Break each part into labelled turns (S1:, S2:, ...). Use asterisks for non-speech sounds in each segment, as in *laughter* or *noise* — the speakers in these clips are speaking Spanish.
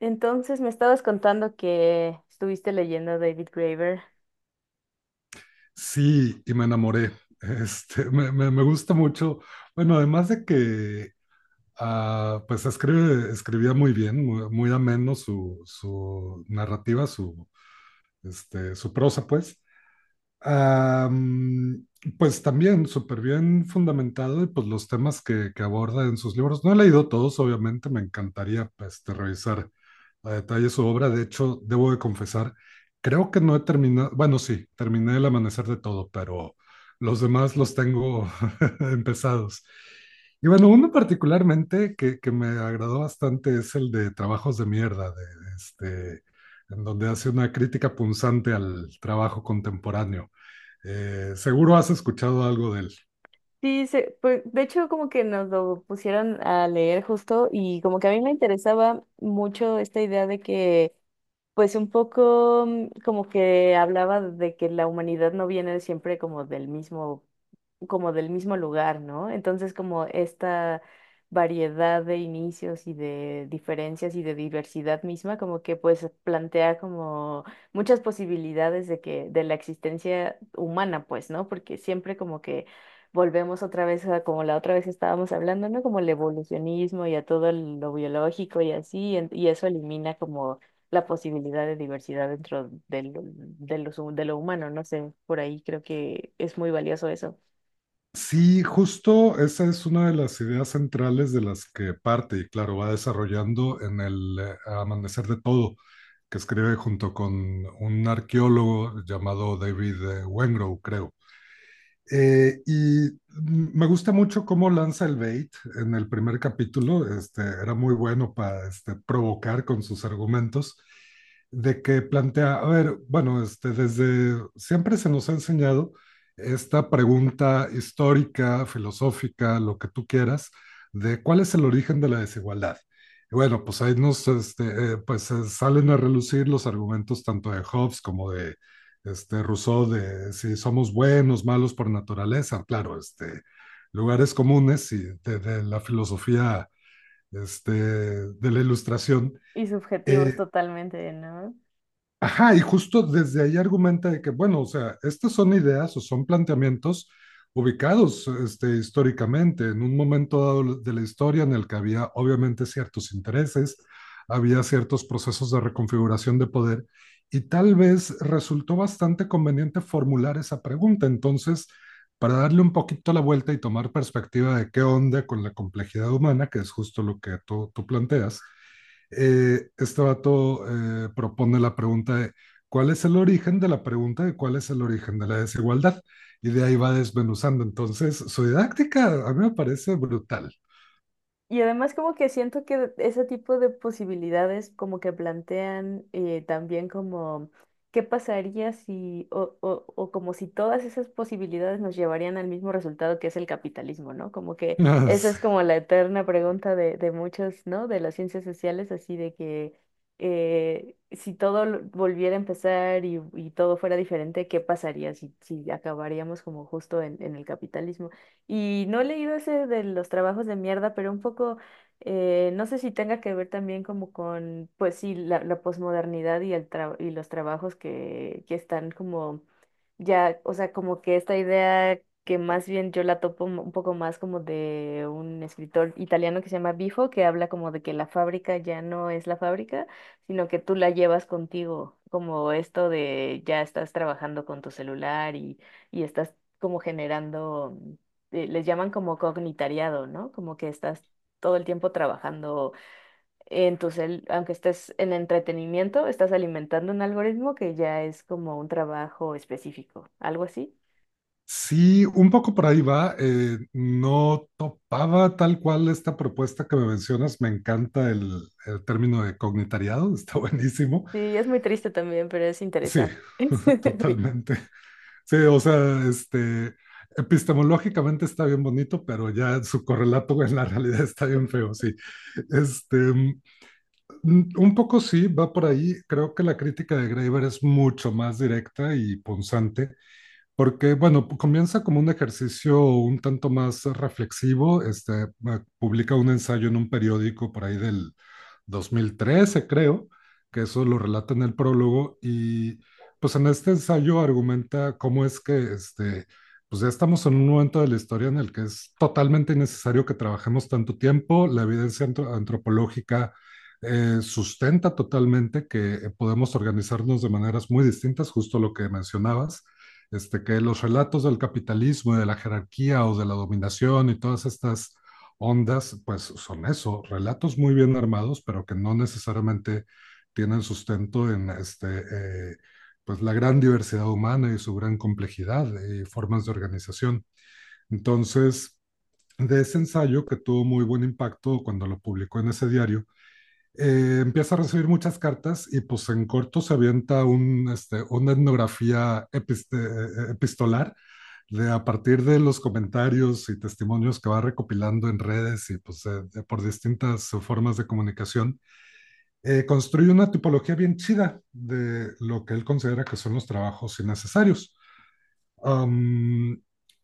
S1: Entonces me estabas contando que estuviste leyendo a David Graeber.
S2: Sí, y me enamoré. *laughs* Me gusta mucho. Bueno, además de que pues escribía muy bien, muy, muy ameno su narrativa, su prosa, pues. Am, pues también súper bien fundamentado y pues los temas que aborda en sus libros. No he leído todos, obviamente, me encantaría pues, revisar a detalle su obra. De hecho, debo de confesar, creo que no he terminado, bueno, sí, terminé El Amanecer de Todo, pero los demás los tengo *laughs* empezados. Y bueno, uno particularmente que me agradó bastante es el de Trabajos de Mierda, en donde hace una crítica punzante al trabajo contemporáneo. Seguro has escuchado algo de él.
S1: Pues, de hecho, como que nos lo pusieron a leer justo y como que a mí me interesaba mucho esta idea de que pues un poco, como que hablaba de que la humanidad no viene siempre como del mismo lugar, ¿no? Entonces, como esta variedad de inicios y de diferencias y de diversidad misma, como que pues plantea como muchas posibilidades de que, de la existencia humana, pues, ¿no? Porque siempre como que volvemos otra vez a como la otra vez estábamos hablando, ¿no? Como el evolucionismo y a todo lo biológico y así, y eso elimina como la posibilidad de diversidad dentro de lo, de los de lo humano, no sé, por ahí creo que es muy valioso eso.
S2: Sí, justo esa es una de las ideas centrales de las que parte y claro, va desarrollando en el Amanecer de Todo, que escribe junto con un arqueólogo llamado David Wengrow, creo. Y me gusta mucho cómo lanza el bait en el primer capítulo. Era muy bueno para provocar con sus argumentos de que plantea, a ver, bueno, desde siempre se nos ha enseñado esta pregunta histórica, filosófica, lo que tú quieras, de cuál es el origen de la desigualdad. Y bueno, pues ahí nos pues, salen a relucir los argumentos tanto de Hobbes como de este Rousseau de si somos buenos, malos por naturaleza, claro, lugares comunes y de la filosofía de la ilustración.
S1: Y subjetivos
S2: Eh,
S1: totalmente, ¿no?
S2: Ajá, y justo desde ahí argumenta de que, bueno, o sea, estas son ideas o son planteamientos ubicados históricamente, en un momento dado de la historia en el que había obviamente ciertos intereses, había ciertos procesos de reconfiguración de poder, y tal vez resultó bastante conveniente formular esa pregunta. Entonces, para darle un poquito la vuelta y tomar perspectiva de qué onda con la complejidad humana, que es justo lo que tú planteas, este vato propone la pregunta de cuál es el origen de la pregunta de cuál es el origen de la desigualdad. Y de ahí va desmenuzando. Entonces, su didáctica a mí me parece brutal.
S1: Y además como que siento que ese tipo de posibilidades como que plantean, también como qué pasaría si o, o como si todas esas posibilidades nos llevarían al mismo resultado, que es el capitalismo, ¿no? Como que esa es
S2: *laughs*
S1: como la eterna pregunta de muchos, ¿no? De las ciencias sociales, así de que si todo volviera a empezar y todo fuera diferente, ¿qué pasaría si, si acabaríamos como justo en el capitalismo? Y no he leído ese de los trabajos de mierda, pero un poco, no sé si tenga que ver también como con, pues sí, la posmodernidad y, y los trabajos que están como ya, o sea, como que esta idea, que más bien yo la topo un poco más como de un escritor italiano que se llama Bifo, que habla como de que la fábrica ya no es la fábrica, sino que tú la llevas contigo, como esto de ya estás trabajando con tu celular y estás como generando, les llaman como cognitariado, ¿no? Como que estás todo el tiempo trabajando en tu cel, aunque estés en entretenimiento, estás alimentando un algoritmo que ya es como un trabajo específico, algo así.
S2: Sí, un poco por ahí va. No topaba tal cual esta propuesta que me mencionas. Me encanta el término de cognitariado, *laughs* está buenísimo.
S1: Sí, es muy triste también, pero es
S2: Sí,
S1: interesante.
S2: *laughs*
S1: *laughs*
S2: totalmente. Sí, o sea, epistemológicamente está bien bonito, pero ya su correlato en la realidad está bien feo, sí. Este, mm, un poco sí, va por ahí. Creo que la crítica de Graeber es mucho más directa y punzante. Porque, bueno, comienza como un ejercicio un tanto más reflexivo. Publica un ensayo en un periódico por ahí del 2013 creo, que eso lo relata en el prólogo. Y pues en este ensayo argumenta cómo es que, pues ya estamos en un momento de la historia en el que es totalmente innecesario que trabajemos tanto tiempo. La evidencia antropológica sustenta totalmente que podemos organizarnos de maneras muy distintas, justo lo que mencionabas que los relatos del capitalismo y de la jerarquía o de la dominación y todas estas ondas, pues son eso, relatos muy bien armados, pero que no necesariamente tienen sustento en pues la gran diversidad humana y su gran complejidad y formas de organización. Entonces, de ese ensayo que tuvo muy buen impacto cuando lo publicó en ese diario, empieza a recibir muchas cartas y pues en corto se avienta una etnografía epistolar de a partir de los comentarios y testimonios que va recopilando en redes y pues por distintas formas de comunicación, construye una tipología bien chida de lo que él considera que son los trabajos innecesarios. Um,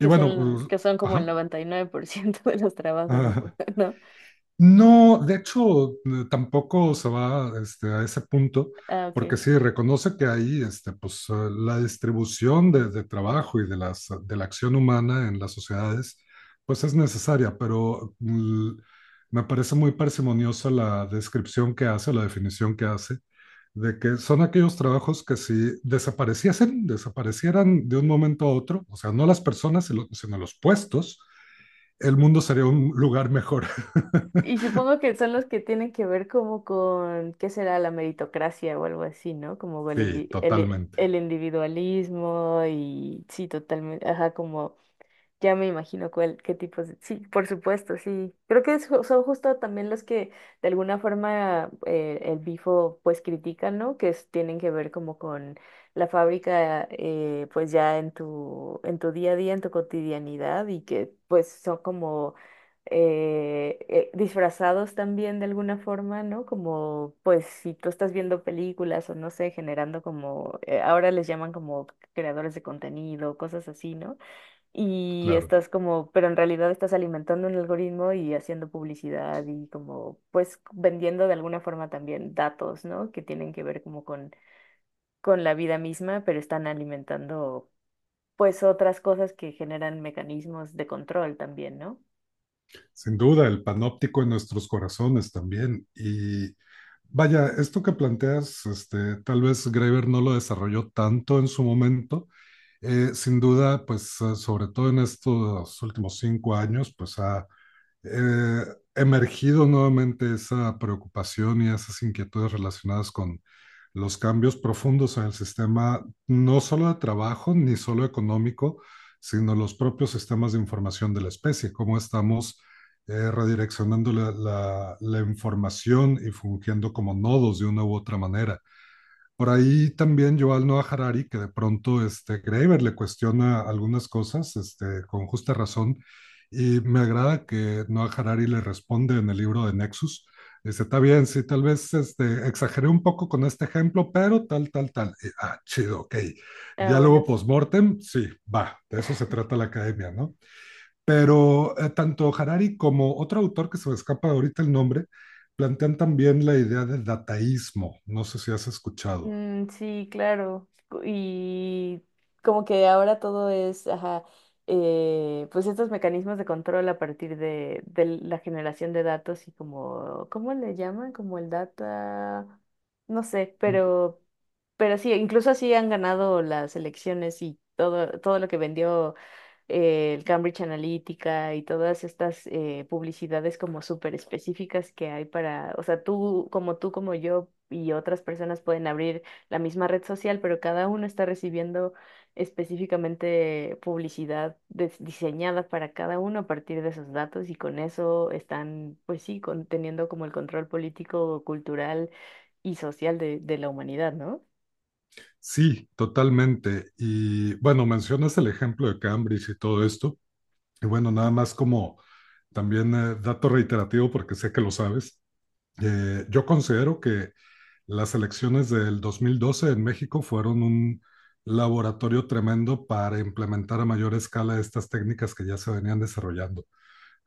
S2: y bueno,
S1: que son como el
S2: ajá,
S1: 99% de los
S2: *laughs*
S1: trabajos, *laughs*
S2: uh,
S1: supongo, ¿no?
S2: no, de hecho, tampoco se va a ese punto,
S1: Ah, ok.
S2: porque sí, reconoce que ahí pues, la distribución de trabajo y de la acción humana en las sociedades pues es necesaria, pero me parece muy parsimoniosa la descripción que hace, la definición que hace, de que son aquellos trabajos que si desapareciesen, desaparecieran de un momento a otro, o sea, no las personas, sino los puestos, el mundo sería un lugar mejor. *laughs*
S1: Y supongo que son los que tienen que ver como con, ¿qué será? La meritocracia o algo así, ¿no? Como el,
S2: Sí, totalmente,
S1: el individualismo y sí, totalmente, ajá, como ya me imagino cuál, qué tipos de... Sí, por supuesto, sí. Creo que es son justo también los que de alguna forma, el Bifo pues critica, ¿no? Tienen que ver como con la fábrica, pues ya en tu día a día, en tu cotidianidad y que pues son como disfrazados también de alguna forma, ¿no? Como pues si tú estás viendo películas o no sé, generando como, ahora les llaman como creadores de contenido, cosas así, ¿no? Y
S2: claro.
S1: estás como, pero en realidad estás alimentando un algoritmo y haciendo publicidad y como, pues vendiendo de alguna forma también datos, ¿no? Que tienen que ver como con la vida misma, pero están alimentando pues otras cosas que generan mecanismos de control también, ¿no?
S2: Sin duda, el panóptico en nuestros corazones también. Y vaya, esto que planteas, tal vez Graeber no lo desarrolló tanto en su momento. Sin duda, pues sobre todo en estos últimos 5 años, pues ha eh, emergido nuevamente esa preocupación y esas inquietudes relacionadas con los cambios profundos en el sistema, no solo de trabajo ni solo económico, sino los propios sistemas de información de la especie, cómo estamos redireccionando la información y fungiendo como nodos de una u otra manera. Por ahí también Yuval Noah Harari, que de pronto Graeber le cuestiona algunas cosas con justa razón, y me agrada que Noah Harari le responde en el libro de Nexus. Dice, está bien, sí, tal vez exageré un poco con este ejemplo, pero tal, tal, tal. Y, chido, ok.
S1: Ah, bueno.
S2: Diálogo postmortem, sí, va, de eso se trata la academia, ¿no? Pero tanto Harari como otro autor que se me escapa ahorita el nombre, plantean también la idea de dataísmo. No sé si has escuchado.
S1: Sí, claro. Y como que ahora todo es, ajá, pues estos mecanismos de control a partir de la generación de datos y como, ¿cómo le llaman? Como el data, no sé,
S2: Mm.
S1: pero sí, incluso así han ganado las elecciones y todo, todo lo que vendió, el Cambridge Analytica y todas estas, publicidades como súper específicas que hay para, o sea, tú, como yo y otras personas pueden abrir la misma red social, pero cada uno está recibiendo específicamente publicidad diseñada para cada uno a partir de esos datos y con eso están, pues sí, teniendo como el control político, cultural y social de la humanidad, ¿no?
S2: Sí, totalmente. Y bueno, mencionas el ejemplo de Cambridge y todo esto. Y bueno, nada más como también dato reiterativo, porque sé que lo sabes, yo considero que las elecciones del 2012 en México fueron un laboratorio tremendo para implementar a mayor escala estas técnicas que ya se venían desarrollando.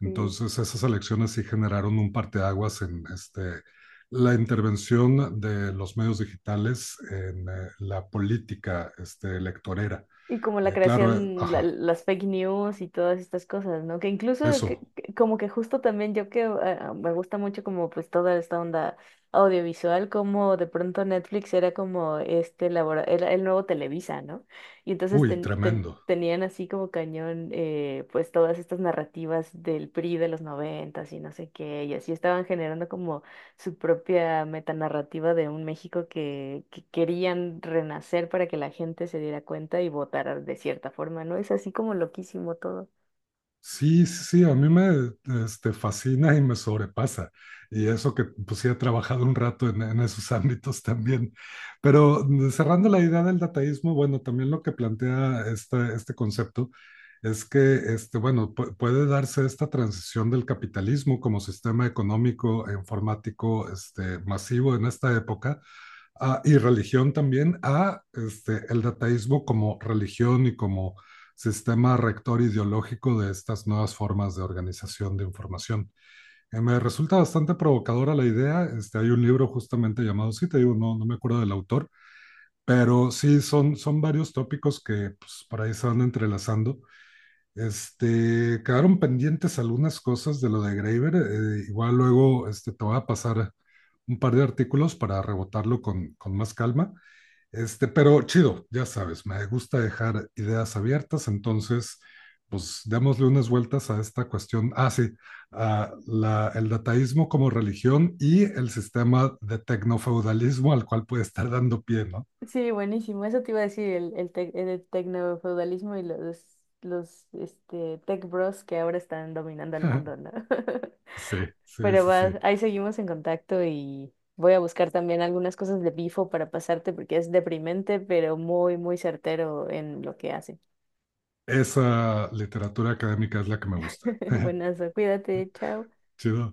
S2: Entonces, esas elecciones sí generaron un parteaguas en la intervención de los medios digitales en la política electorera.
S1: Y como la
S2: Claro,
S1: creación,
S2: ajá,
S1: las fake news y todas estas cosas, ¿no? Que incluso
S2: eso.
S1: como que justo también yo que me gusta mucho como pues toda esta onda audiovisual, como de pronto Netflix era como este era el nuevo Televisa, ¿no? Y entonces
S2: Uy, tremendo.
S1: tenían así como cañón, pues todas estas narrativas del PRI de los noventas y no sé qué, y así estaban generando como su propia metanarrativa de un México que querían renacer para que la gente se diera cuenta y votara de cierta forma, ¿no? Es así como loquísimo todo.
S2: Sí, sí, sí, a mí me fascina y me sobrepasa. Y eso que pues sí he trabajado un rato en esos ámbitos también. Pero cerrando la idea del dataísmo, bueno, también lo que plantea este concepto es que, bueno, puede darse esta transición del capitalismo como sistema económico e informático masivo en esta época y religión también a el dataísmo como religión y como sistema rector ideológico de estas nuevas formas de organización de información. Me resulta bastante provocadora la idea. Hay un libro justamente llamado, sí, te digo, no, no me acuerdo del autor, pero sí, son varios tópicos que pues, por ahí se van entrelazando. Quedaron pendientes algunas cosas de lo de Graeber. Igual luego te voy a pasar un par de artículos para rebotarlo con más calma. Pero chido, ya sabes, me gusta dejar ideas abiertas, entonces, pues démosle unas vueltas a esta cuestión. Ah, sí, el dataísmo como religión y el sistema de tecnofeudalismo al cual puede estar dando pie, ¿no?
S1: Sí, buenísimo. Eso te iba a decir, el, el tecnofeudalismo y los este, tech bros que ahora están dominando el mundo, ¿no?
S2: *laughs*
S1: *laughs*
S2: Sí, sí,
S1: Pero
S2: sí,
S1: va,
S2: sí.
S1: ahí seguimos en contacto y voy a buscar también algunas cosas de Bifo para pasarte porque es deprimente, pero muy, muy certero en lo que hace.
S2: Esa literatura académica es la que me gusta.
S1: *laughs*
S2: *laughs*
S1: Buenas, cuídate, chao.
S2: Chido.